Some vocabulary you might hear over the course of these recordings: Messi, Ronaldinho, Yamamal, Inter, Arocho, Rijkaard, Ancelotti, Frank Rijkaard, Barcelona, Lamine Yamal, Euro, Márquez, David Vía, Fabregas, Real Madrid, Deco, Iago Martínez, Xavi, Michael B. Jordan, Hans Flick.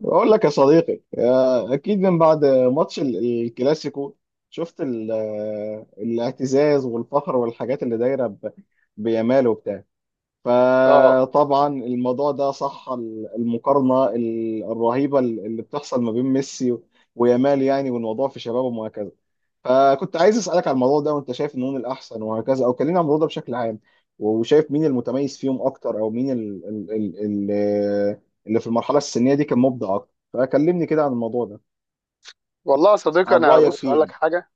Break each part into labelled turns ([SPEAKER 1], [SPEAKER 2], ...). [SPEAKER 1] بقول لك يا صديقي، اكيد من بعد ماتش الكلاسيكو. شفت الاعتزاز والفخر والحاجات اللي دايره بيامال وبتاع.
[SPEAKER 2] اه،
[SPEAKER 1] فطبعا الموضوع ده صح، المقارنه الرهيبه اللي بتحصل ما بين ميسي ويامال يعني، والموضوع في شبابه. فكنت عايز اسالك على الموضوع ده، وانت شايف مين الاحسن وهكذا، او كلمني عن الموضوع ده بشكل عام. وشايف مين المتميز فيهم اكتر، او مين ال ال ال ال اللي في المرحله السنيه دي كان مبدع اكتر، فكلمني كده عن الموضوع ده.
[SPEAKER 2] والله يا صديقي.
[SPEAKER 1] عن رايك فيه يعني.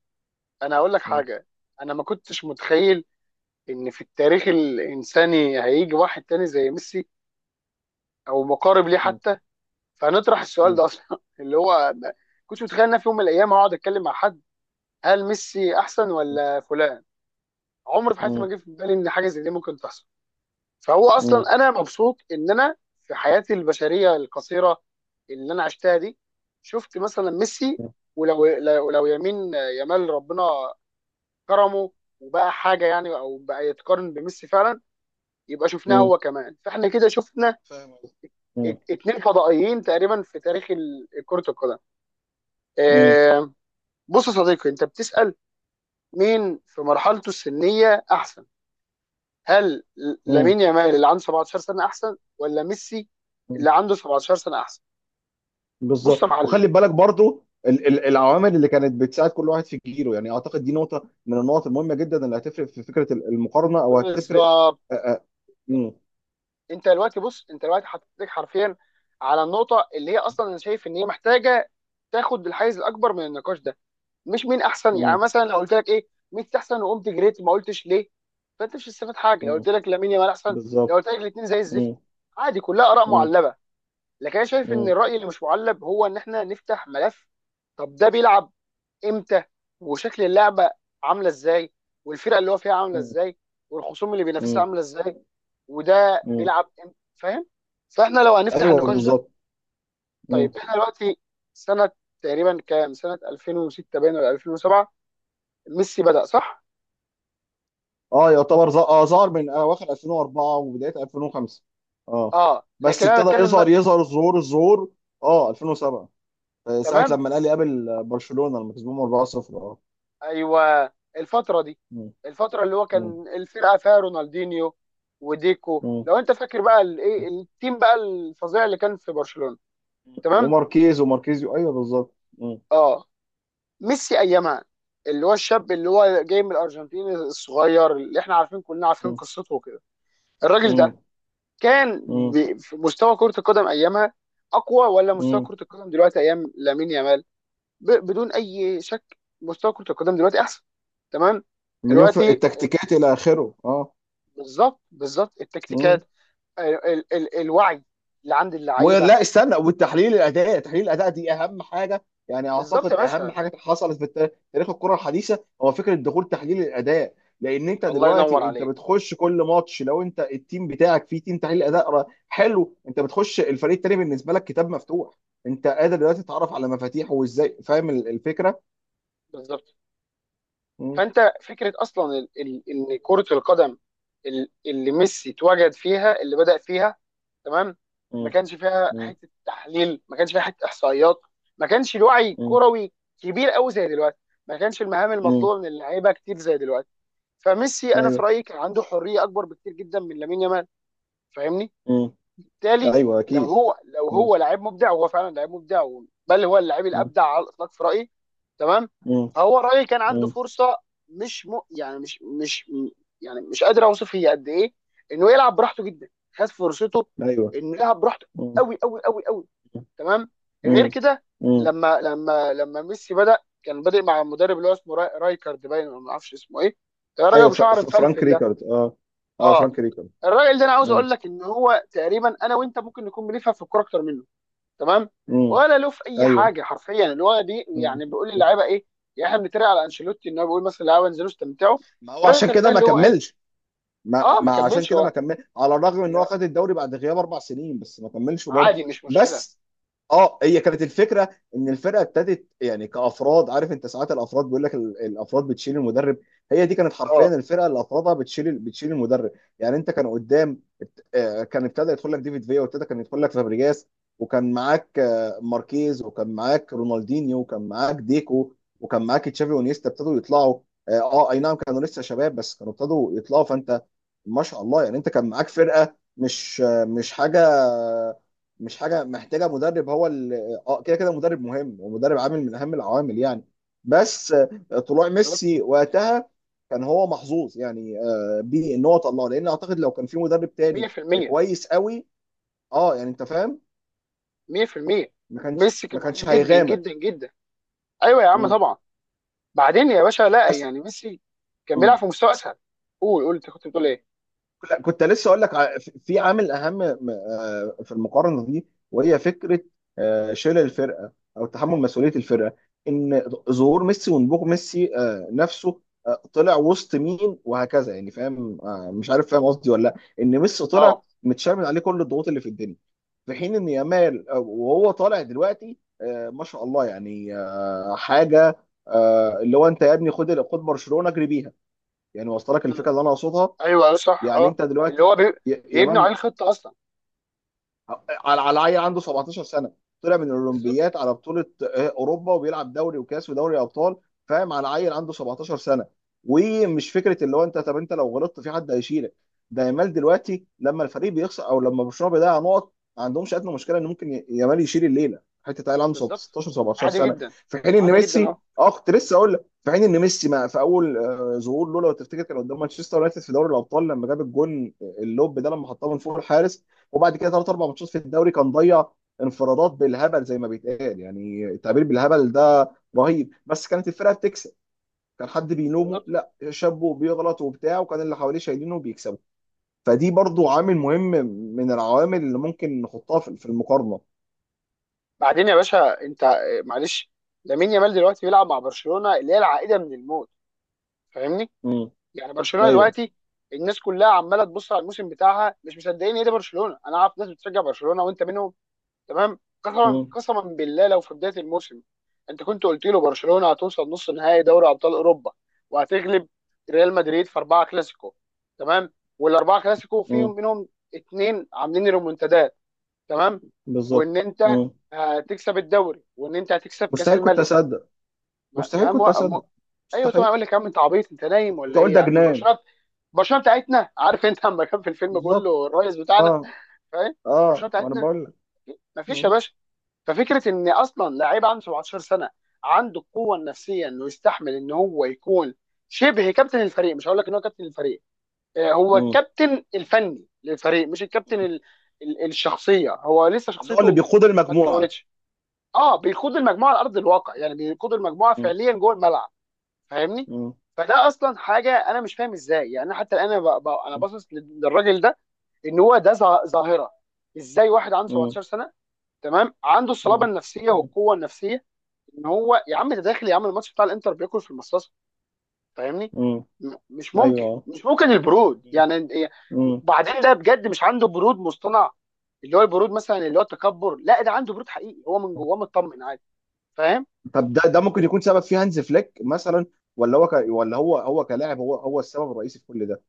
[SPEAKER 2] انا هقول لك
[SPEAKER 1] م-
[SPEAKER 2] حاجه. انا ما كنتش متخيل ان في التاريخ الانساني هيجي واحد تاني زي ميسي، او مقارب ليه
[SPEAKER 1] م-
[SPEAKER 2] حتى. فنطرح السؤال
[SPEAKER 1] م-
[SPEAKER 2] ده اصلا اللي هو ما كنتش متخيل ان أنا في يوم من الايام هقعد اتكلم مع حد، هل ميسي احسن
[SPEAKER 1] م-
[SPEAKER 2] ولا فلان. عمري في حياتي
[SPEAKER 1] م-
[SPEAKER 2] ما جه في بالي ان حاجه زي دي ممكن تحصل. فهو
[SPEAKER 1] م-
[SPEAKER 2] اصلا انا مبسوط ان انا في حياتي البشريه القصيره اللي انا عشتها دي شفت مثلا ميسي.
[SPEAKER 1] م-
[SPEAKER 2] ولو لو لو يمين يمال ربنا كرمه، وبقى حاجه يعني، او بقى يتقارن بميسي فعلا، يبقى شفناه
[SPEAKER 1] م-
[SPEAKER 2] هو كمان. فاحنا كده شفنا
[SPEAKER 1] فاهم قصدك. م-
[SPEAKER 2] اتنين فضائيين تقريبا في تاريخ كرة القدم.
[SPEAKER 1] م-
[SPEAKER 2] آه، بص يا صديقي، انت بتسأل مين في مرحلته السنية احسن؟ هل
[SPEAKER 1] م-
[SPEAKER 2] لامين يامال اللي عنده 17 سنة احسن، ولا ميسي
[SPEAKER 1] م-
[SPEAKER 2] اللي عنده 17 سنة احسن؟ بص
[SPEAKER 1] بالظبط،
[SPEAKER 2] يا معلم،
[SPEAKER 1] وخلي بالك برضو العوامل اللي كانت بتساعد كل واحد في جيله، يعني اعتقد دي نقطه من النقط المهمه جدا اللي هتفرق في فكره المقارنه او هتفرق.
[SPEAKER 2] بالظبط.
[SPEAKER 1] مم.
[SPEAKER 2] انت دلوقتي حطيتك حرفيا على النقطة اللي هي اصلا انا شايف ان هي محتاجة تاخد الحيز الاكبر من النقاش ده. مش مين احسن. يعني
[SPEAKER 1] مم.
[SPEAKER 2] مثلا لو قلت لك ايه، ميسي احسن وقمت جريت، ما قلتش ليه. فانت مش هتستفاد حاجه لو
[SPEAKER 1] مم.
[SPEAKER 2] قلت لك لامين يامال احسن. لو
[SPEAKER 1] بالظبط.
[SPEAKER 2] قلت لك الاثنين زي الزفت،
[SPEAKER 1] مم.
[SPEAKER 2] عادي، كلها اراء
[SPEAKER 1] مم.
[SPEAKER 2] معلبه. لكن انا شايف ان
[SPEAKER 1] مم.
[SPEAKER 2] الراي اللي مش معلب هو ان احنا نفتح ملف. طب ده بيلعب امتى؟ وشكل اللعبه عامله ازاي؟ والفرقه اللي هو فيها عامله
[SPEAKER 1] مم.
[SPEAKER 2] ازاي؟ والخصوم اللي بينافسها
[SPEAKER 1] مم.
[SPEAKER 2] عامله ازاي؟ وده
[SPEAKER 1] مم.
[SPEAKER 2] بيلعب امتى؟ فاهم؟ فاحنا لو هنفتح
[SPEAKER 1] ايوه،
[SPEAKER 2] النقاش ده،
[SPEAKER 1] بالظبط. مم.
[SPEAKER 2] طيب احنا دلوقتي سنه تقريبا كام؟ سنه 2006 باين، ولا 2007؟ ميسي بدأ صح؟
[SPEAKER 1] اه، يعتبر ظهر من اواخر 2004 وبدايه 2005. اه.
[SPEAKER 2] اه،
[SPEAKER 1] بس
[SPEAKER 2] لكن انا
[SPEAKER 1] ابتدى
[SPEAKER 2] بتكلم
[SPEAKER 1] يظهر الظهور. اه، 2007، ساعه
[SPEAKER 2] تمام.
[SPEAKER 1] لما الاهلي قابل برشلونه لما كسبهم 4-0. اه.
[SPEAKER 2] ايوه. الفترة دي،
[SPEAKER 1] مم.
[SPEAKER 2] الفترة اللي هو
[SPEAKER 1] مم.
[SPEAKER 2] كان الفرقة فيها رونالدينيو وديكو،
[SPEAKER 1] مم.
[SPEAKER 2] لو انت فاكر بقى الايه، التيم بقى الفظيع اللي كان في برشلونة، تمام؟
[SPEAKER 1] وماركيز وماركيزيو، ايوه بالظبط. مم.
[SPEAKER 2] اه. ميسي ايامها اللي هو الشاب اللي هو جاي من الارجنتين الصغير اللي احنا عارفين، كلنا عارفين
[SPEAKER 1] مم.
[SPEAKER 2] قصته وكده. الراجل ده
[SPEAKER 1] مم.
[SPEAKER 2] كان
[SPEAKER 1] مم.
[SPEAKER 2] في مستوى كرة القدم ايامها اقوى، ولا مستوى
[SPEAKER 1] مم.
[SPEAKER 2] كرة القدم دلوقتي ايام لامين يامال؟ بدون اي شك مستوى كره القدم دلوقتي احسن. تمام،
[SPEAKER 1] مليون في
[SPEAKER 2] دلوقتي
[SPEAKER 1] التكتيكات الى اخره، اه.
[SPEAKER 2] بالظبط، بالظبط
[SPEAKER 1] مم.
[SPEAKER 2] التكتيكات، ال ال ال الوعي اللي عند اللعيبه.
[SPEAKER 1] ولا استنى، والتحليل الاداء تحليل الاداء دي اهم حاجه، يعني
[SPEAKER 2] بالظبط يا
[SPEAKER 1] اعتقد اهم
[SPEAKER 2] باشا.
[SPEAKER 1] حاجه حصلت في تاريخ الكره الحديثه هو فكره دخول تحليل الاداء. لان انت
[SPEAKER 2] الله ينور
[SPEAKER 1] دلوقتي انت
[SPEAKER 2] عليك.
[SPEAKER 1] بتخش كل ماتش، لو انت التيم بتاعك فيه تيم تحليل اداء حلو، انت بتخش الفريق التاني بالنسبه لك كتاب مفتوح. انت قادر دلوقتي تتعرف على مفاتيحه وازاي، فاهم الفكره؟
[SPEAKER 2] بالظبط.
[SPEAKER 1] مم.
[SPEAKER 2] فانت فكره اصلا ان كره القدم، اللي ميسي اتوجد فيها، اللي بدأ فيها، تمام، ما
[SPEAKER 1] مم.
[SPEAKER 2] كانش فيها
[SPEAKER 1] مم.
[SPEAKER 2] حته تحليل، ما كانش فيها حته احصائيات، ما كانش الوعي
[SPEAKER 1] مم.
[SPEAKER 2] الكروي كبير قوي زي دلوقتي، ما كانش المهام
[SPEAKER 1] مم.
[SPEAKER 2] المطلوبه من اللعيبه كتير زي دلوقتي. فميسي انا في
[SPEAKER 1] ايوه.
[SPEAKER 2] رايي كان عنده حريه اكبر بكتير جدا من لامين يامال. فاهمني؟
[SPEAKER 1] مم.
[SPEAKER 2] بالتالي،
[SPEAKER 1] ايوه،
[SPEAKER 2] لو
[SPEAKER 1] اكيد.
[SPEAKER 2] هو لو
[SPEAKER 1] مم.
[SPEAKER 2] هو لاعب مبدع، وهو فعلا لاعب مبدع، بل هو اللاعب
[SPEAKER 1] مم.
[SPEAKER 2] الابدع على الاطلاق في رايي. تمام.
[SPEAKER 1] مم.
[SPEAKER 2] فهو رايي كان عنده
[SPEAKER 1] مم.
[SPEAKER 2] فرصه، مش م... يعني مش مش م- يعني مش قادر اوصف هي قد ايه، انه يلعب براحته جدا. خد فرصته
[SPEAKER 1] ايوه.
[SPEAKER 2] انه يلعب براحته
[SPEAKER 1] مم.
[SPEAKER 2] قوي قوي قوي قوي. تمام. غير
[SPEAKER 1] مم.
[SPEAKER 2] كده،
[SPEAKER 1] مم.
[SPEAKER 2] لما ميسي بدا، كان بادئ مع المدرب اللي هو اسمه رايكارد، باين ولا ما اعرفش اسمه ايه. يا راجل
[SPEAKER 1] ايوه،
[SPEAKER 2] ابو شعر
[SPEAKER 1] فرانك
[SPEAKER 2] مفلفل ده.
[SPEAKER 1] ريكارد. اه. اه،
[SPEAKER 2] اه،
[SPEAKER 1] فرانك ريكارد.
[SPEAKER 2] الراجل ده انا عاوز
[SPEAKER 1] امم.
[SPEAKER 2] اقول لك ان هو تقريبا انا وانت ممكن نكون بنفهم في الكوره اكتر منه. تمام.
[SPEAKER 1] امم.
[SPEAKER 2] ولا له في اي
[SPEAKER 1] ايوه.
[SPEAKER 2] حاجه حرفيا، اللي هو دي،
[SPEAKER 1] مم.
[SPEAKER 2] يعني بيقول للعيبه ايه؟ يعني احنا بنتريق على انشيلوتي ان هو بيقول مثلا للعيبه انزلوا استمتعوا.
[SPEAKER 1] ما هو
[SPEAKER 2] الراجل
[SPEAKER 1] عشان
[SPEAKER 2] كان ده
[SPEAKER 1] كده ما
[SPEAKER 2] اللي هو ايه.
[SPEAKER 1] كملش. ما
[SPEAKER 2] اه، ما
[SPEAKER 1] ما عشان
[SPEAKER 2] كملش
[SPEAKER 1] كده ما
[SPEAKER 2] وقت.
[SPEAKER 1] كمل، على الرغم ان هو
[SPEAKER 2] يا-
[SPEAKER 1] خد الدوري بعد غياب 4 سنين، بس ما كملش برضه.
[SPEAKER 2] عادي، مش مشكله.
[SPEAKER 1] بس، اه، هي كانت الفكره، ان الفرقه ابتدت يعني كافراد، عارف انت ساعات الافراد بيقول لك الافراد بتشيل المدرب. هي دي كانت
[SPEAKER 2] اه،
[SPEAKER 1] حرفيا الفرقه اللي افرادها بتشيل المدرب. يعني انت كان قدام، كان ابتدى يدخل لك ديفيد فيا، وابتدى كان يدخل لك فابريجاس. وكان معاك ماركيز، وكان معاك رونالدينيو، وكان معاك ديكو. وكان معاك تشافي ونيستا ابتدوا يطلعوا. اه، اي نعم، كانوا لسه شباب، بس كانوا ابتدوا يطلعوا، فانت ما شاء الله، يعني انت كان معاك فرقه، مش حاجه، مش حاجه محتاجه مدرب هو اه، كده كده مدرب مهم، ومدرب عامل من اهم العوامل يعني. بس طلوع ميسي وقتها كان هو محظوظ، يعني بيه، ان هو طلعه، لان اعتقد لو كان في مدرب تاني
[SPEAKER 2] 100%،
[SPEAKER 1] كويس قوي. اه، يعني انت فاهم،
[SPEAKER 2] 100%.
[SPEAKER 1] ما كانش
[SPEAKER 2] ميسي كان
[SPEAKER 1] ما كانش
[SPEAKER 2] محظوظ جدا
[SPEAKER 1] هيغامر.
[SPEAKER 2] جدا جدا. ايوه يا عم
[SPEAKER 1] مم.
[SPEAKER 2] طبعا. بعدين يا باشا، لا،
[SPEAKER 1] بس.
[SPEAKER 2] يعني ميسي كان بيلعب
[SPEAKER 1] مم.
[SPEAKER 2] في مستوى اسهل. قول قول، انت كنت بتقول ايه؟
[SPEAKER 1] لا، كنت لسه اقول لك في عامل اهم، في المقارنه دي، وهي فكره شيل الفرقه او تحمل مسؤوليه الفرقه، ان ظهور ميسي ونبوغ ميسي نفسه، طلع وسط مين وهكذا، يعني فاهم، مش عارف، فاهم قصدي ولا لا؟ ان ميسي طلع
[SPEAKER 2] اه.
[SPEAKER 1] متشرمن عليه كل الضغوط اللي في الدنيا. في حين ان يامال، وهو طالع دلوقتي ما شاء الله يعني، حاجه، اللي هو انت يا ابني خد خد برشلونه اجري بيها. يعني وصلك الفكره اللي انا اقصدها؟
[SPEAKER 2] ايوه أيوة، صح،
[SPEAKER 1] يعني
[SPEAKER 2] اه.
[SPEAKER 1] انت
[SPEAKER 2] اللي
[SPEAKER 1] دلوقتي
[SPEAKER 2] هو بيبنوا
[SPEAKER 1] يامال،
[SPEAKER 2] عليه الخطه اصلا.
[SPEAKER 1] على عيل عنده 17 سنه، طلع من
[SPEAKER 2] بالظبط
[SPEAKER 1] الاولمبيات على بطوله اوروبا، وبيلعب دوري وكاس ودوري ابطال. فاهم؟ على عيل عنده 17 سنه. ومش فكره اللي هو انت، طب انت لو غلطت في حد هيشيلك. ده يامال دلوقتي لما الفريق بيخسر او لما برشلونه بيضيع نقط، ما عندهمش ادنى مشكله ان ممكن يامال يشيل الليله، حته عيل عنده
[SPEAKER 2] بالظبط.
[SPEAKER 1] 16 17
[SPEAKER 2] عادي
[SPEAKER 1] سنه.
[SPEAKER 2] جدا،
[SPEAKER 1] في حين ان
[SPEAKER 2] عادي جدا.
[SPEAKER 1] ميسي،
[SPEAKER 2] اه،
[SPEAKER 1] اه، كنت لسه اقول لك، في حين ان ميسي، ما في اول ظهور له، لو تفتكر، كان قدام مانشستر يونايتد في دوري الابطال، لما جاب الجون اللوب ده، لما حطها من فوق الحارس. وبعد كده ثلاث اربع ماتشات في الدوري، كان ضيع انفرادات بالهبل زي ما بيتقال، يعني التعبير بالهبل ده رهيب، بس كانت الفرقه بتكسب. كان حد بيلومه؟
[SPEAKER 2] بالظبط.
[SPEAKER 1] لا، شابه بيغلط وبتاع، وكان اللي حواليه شايلينه وبيكسبوا. فدي برضو عامل مهم من العوامل اللي ممكن نحطها في المقارنه.
[SPEAKER 2] بعدين يا باشا، انت معلش، لامين يامال دلوقتي بيلعب مع برشلونه اللي هي العائده من الموت. فاهمني؟
[SPEAKER 1] امم.
[SPEAKER 2] يعني برشلونه
[SPEAKER 1] ايوه.
[SPEAKER 2] دلوقتي الناس كلها عماله تبص على الموسم بتاعها مش مصدقين ايه ده. برشلونه! انا عارف ناس بتشجع برشلونه وانت منهم. تمام. قسما
[SPEAKER 1] امم.
[SPEAKER 2] قسما بالله، لو في بدايه الموسم انت كنت قلت له برشلونه هتوصل نص نهائي دوري ابطال اوروبا، وهتغلب ريال مدريد في اربعه كلاسيكو، تمام، والاربعه كلاسيكو
[SPEAKER 1] امم.
[SPEAKER 2] فيهم منهم اتنين عاملين ريمونتادات، تمام،
[SPEAKER 1] بالظبط.
[SPEAKER 2] وان انت
[SPEAKER 1] امم.
[SPEAKER 2] هتكسب الدوري، وان انت هتكسب كاس
[SPEAKER 1] مستحيل كنت
[SPEAKER 2] الملك.
[SPEAKER 1] اصدق.
[SPEAKER 2] يا
[SPEAKER 1] مستحيل
[SPEAKER 2] عم،
[SPEAKER 1] كنت اصدق.
[SPEAKER 2] ايوه طبعا،
[SPEAKER 1] مستحيل.
[SPEAKER 2] اقول لك يا عم انت عبيط؟ انت نايم
[SPEAKER 1] كنت
[SPEAKER 2] ولا
[SPEAKER 1] اقول
[SPEAKER 2] ايه يا
[SPEAKER 1] ده
[SPEAKER 2] عم؟
[SPEAKER 1] جنان.
[SPEAKER 2] برشلونه، برشلونه بتاعتنا، عارف، انت لما كان في الفيلم بيقول
[SPEAKER 1] بالظبط.
[SPEAKER 2] له الرئيس بتاعنا،
[SPEAKER 1] اه.
[SPEAKER 2] فاهم؟ برشلونه
[SPEAKER 1] اه، وانا
[SPEAKER 2] بتاعتنا.
[SPEAKER 1] بقول لك.
[SPEAKER 2] مفيش يا
[SPEAKER 1] مم.
[SPEAKER 2] باشا. ففكره ان اصلا لعيب عنده 17 سنه عنده القوه النفسيه انه يستحمل ان هو يكون شبه كابتن الفريق، مش هقول لك ان هو كابتن الفريق، هو
[SPEAKER 1] مم.
[SPEAKER 2] الكابتن الفني للفريق، مش الكابتن الشخصيه. هو لسه
[SPEAKER 1] اللي هو اللي
[SPEAKER 2] شخصيته
[SPEAKER 1] بيقود
[SPEAKER 2] ما
[SPEAKER 1] المجموعه.
[SPEAKER 2] اتكونتش. اه، بيقود المجموعه على ارض الواقع، يعني بيقود المجموعه
[SPEAKER 1] مم.
[SPEAKER 2] فعليا جوه الملعب. فاهمني؟
[SPEAKER 1] مم.
[SPEAKER 2] فده اصلا حاجه انا مش فاهم ازاي. يعني حتى الان انا انا باصص للراجل ده ان هو ده ظاهره. ازاي واحد عنده
[SPEAKER 1] مم.
[SPEAKER 2] 17 سنه، تمام، عنده الصلابه
[SPEAKER 1] مم.
[SPEAKER 2] النفسيه والقوه النفسيه ان هو، يا عم ده داخل يا عم الماتش بتاع الانتر بياكل في المصاصه. فاهمني؟
[SPEAKER 1] مم.
[SPEAKER 2] مش ممكن،
[SPEAKER 1] ايوه.
[SPEAKER 2] مش ممكن البرود يعني.
[SPEAKER 1] مم.
[SPEAKER 2] بعدين ده بجد مش عنده برود مصطنع، اللي هو البرود مثلا اللي هو التكبر، لا، ده عنده برود حقيقي، هو من جواه مطمن عادي. فاهم؟
[SPEAKER 1] طب ده ممكن يكون سبب فيه هانز فليك مثلا، ولا هو كلاعب هو السبب الرئيسي في كل ده؟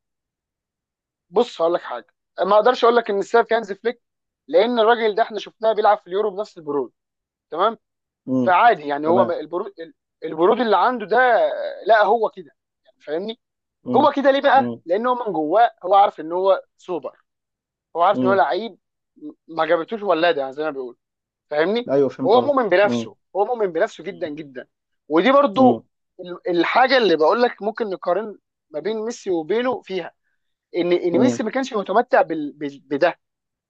[SPEAKER 2] بص هقول لك حاجه، ما اقدرش اقول لك ان السبب في هانز فليك، لان الراجل ده احنا شفناه بيلعب في اليورو بنفس البرود. تمام.
[SPEAKER 1] مم.
[SPEAKER 2] فعادي يعني، هو
[SPEAKER 1] تمام.
[SPEAKER 2] البرود، البرود اللي عنده ده، لا هو كده يعني. فاهمني؟
[SPEAKER 1] مم.
[SPEAKER 2] هو كده ليه بقى؟
[SPEAKER 1] مم.
[SPEAKER 2] لان هو من جواه هو عارف ان هو سوبر، هو عارف ان هو
[SPEAKER 1] مم.
[SPEAKER 2] لعيب، ما جابتوش ولاده يعني زي ما بيقول. فاهمني؟
[SPEAKER 1] ايوه، فهمت
[SPEAKER 2] هو
[SPEAKER 1] قصدك.
[SPEAKER 2] مؤمن
[SPEAKER 1] مم.
[SPEAKER 2] بنفسه، هو مؤمن بنفسه جدا جدا. ودي برضو
[SPEAKER 1] مم.
[SPEAKER 2] الحاجه اللي بقول لك ممكن نقارن ما بين ميسي
[SPEAKER 1] مم.
[SPEAKER 2] وبينه فيها، ان
[SPEAKER 1] مم.
[SPEAKER 2] ميسي ما كانش متمتع بده.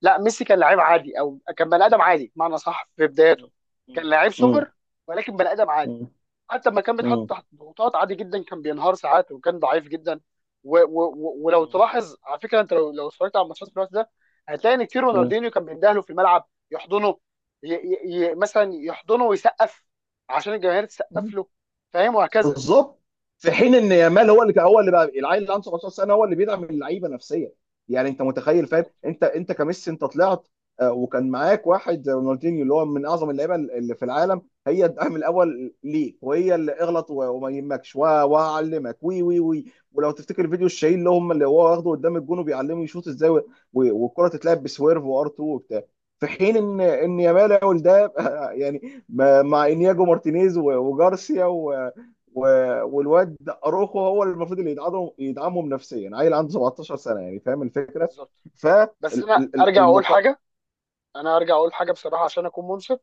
[SPEAKER 2] لا، ميسي كان لعيب عادي او كان بني ادم عادي بمعنى صح في بداياته. كان لعيب
[SPEAKER 1] مم.
[SPEAKER 2] سوبر، ولكن بني ادم عادي.
[SPEAKER 1] مم.
[SPEAKER 2] حتى لما كان بيتحط
[SPEAKER 1] مم.
[SPEAKER 2] تحت ضغوطات عادي جدا كان بينهار ساعات، وكان ضعيف جدا. و و و ولو تلاحظ على فكره، انت لو اتفرجت على الماتشات في الوقت ده هتلاقي ان كتير
[SPEAKER 1] مم.
[SPEAKER 2] رونالدينيو كان بيندهله في الملعب يحضنه، ي ي ي مثلا يحضنه ويسقف عشان الجماهير تسقف
[SPEAKER 1] مم.
[SPEAKER 2] له. فاهم؟ وهكذا.
[SPEAKER 1] بالظبط. في حين ان يامال هو اللي هو اللي بقى العيل اللي عنده 17 سنه، هو اللي بيدعم اللعيبه نفسيا. يعني انت متخيل، فاهم؟
[SPEAKER 2] بالظبط
[SPEAKER 1] انت كميسي انت طلعت وكان معاك واحد زي رونالدينيو، اللي هو من اعظم اللعيبه اللي في العالم، هي الدعم الاول ليك، وهي اللي اغلط وما يهمكش وهعلمك وي وي وي ولو تفتكر فيديو الشهير اللي هو واخده قدام الجون، وبيعلمه يشوط ازاي والكره تتلعب بسويرف وار 2 وبتاع. في حين
[SPEAKER 2] بالظبط
[SPEAKER 1] ان يامال يعمل ده يعني مع انياجو مارتينيز وجارسيا، و والواد اروخو هو اللي المفروض اللي يدعمهم نفسيا، عيل عنده 17 سنه، يعني فاهم الفكره؟
[SPEAKER 2] بالظبط. بس انا ارجع اقول
[SPEAKER 1] فالمقابل.
[SPEAKER 2] حاجه، بصراحه، عشان اكون منصف،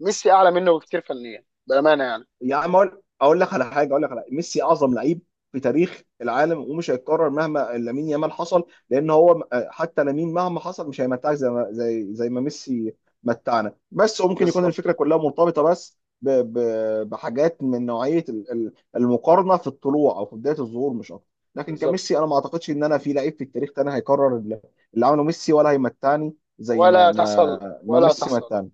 [SPEAKER 2] ميسي اعلى منه بكتير فنيا بامانه يعني.
[SPEAKER 1] يا عم، اقول لك على حاجه، اقول لك على ميسي، اعظم لعيب في تاريخ العالم، ومش هيتكرر مهما لامين يامال حصل، لان هو حتى لامين مهما حصل مش هيمتعك زي ما ميسي متعنا. بس وممكن يكون
[SPEAKER 2] بالظبط
[SPEAKER 1] الفكره كلها مرتبطه بس بحاجات من نوعيه المقارنه في الطلوع او في بدايه الظهور، مش اكتر. لكن
[SPEAKER 2] بالظبط.
[SPEAKER 1] كميسي، انا ما اعتقدش ان انا في لعيب في التاريخ تاني هيكرر اللي عمله ميسي، ولا هيمتعني زي ما
[SPEAKER 2] ولا تحصل، ولا
[SPEAKER 1] ميسي
[SPEAKER 2] تحصل.
[SPEAKER 1] متعنا.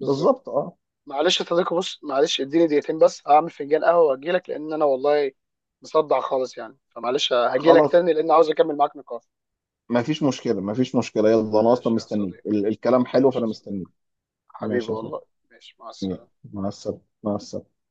[SPEAKER 2] بالظبط.
[SPEAKER 1] بالظبط. اه.
[SPEAKER 2] معلش يا صديقي، بص، معلش، اديني دقيقتين بس، هعمل فنجان قهوه واجي لك، لان انا والله مصدع خالص يعني. فمعلش هجي لك
[SPEAKER 1] خلاص،
[SPEAKER 2] تاني، لان عاوز اكمل معاك نقاش.
[SPEAKER 1] ما فيش مشكلة، ما فيش مشكلة. يلا، أنا أصلا
[SPEAKER 2] ماشي يا
[SPEAKER 1] مستنيك،
[SPEAKER 2] صديقي،
[SPEAKER 1] الكلام حلو،
[SPEAKER 2] ماشي
[SPEAKER 1] فأنا
[SPEAKER 2] يا
[SPEAKER 1] مستنيك.
[SPEAKER 2] صديقي، حبيبي
[SPEAKER 1] ماشي يا صاحبي.
[SPEAKER 2] والله. ماشي، مع
[SPEAKER 1] يلا،
[SPEAKER 2] السلامه.
[SPEAKER 1] مع السلامة، مع السلامة.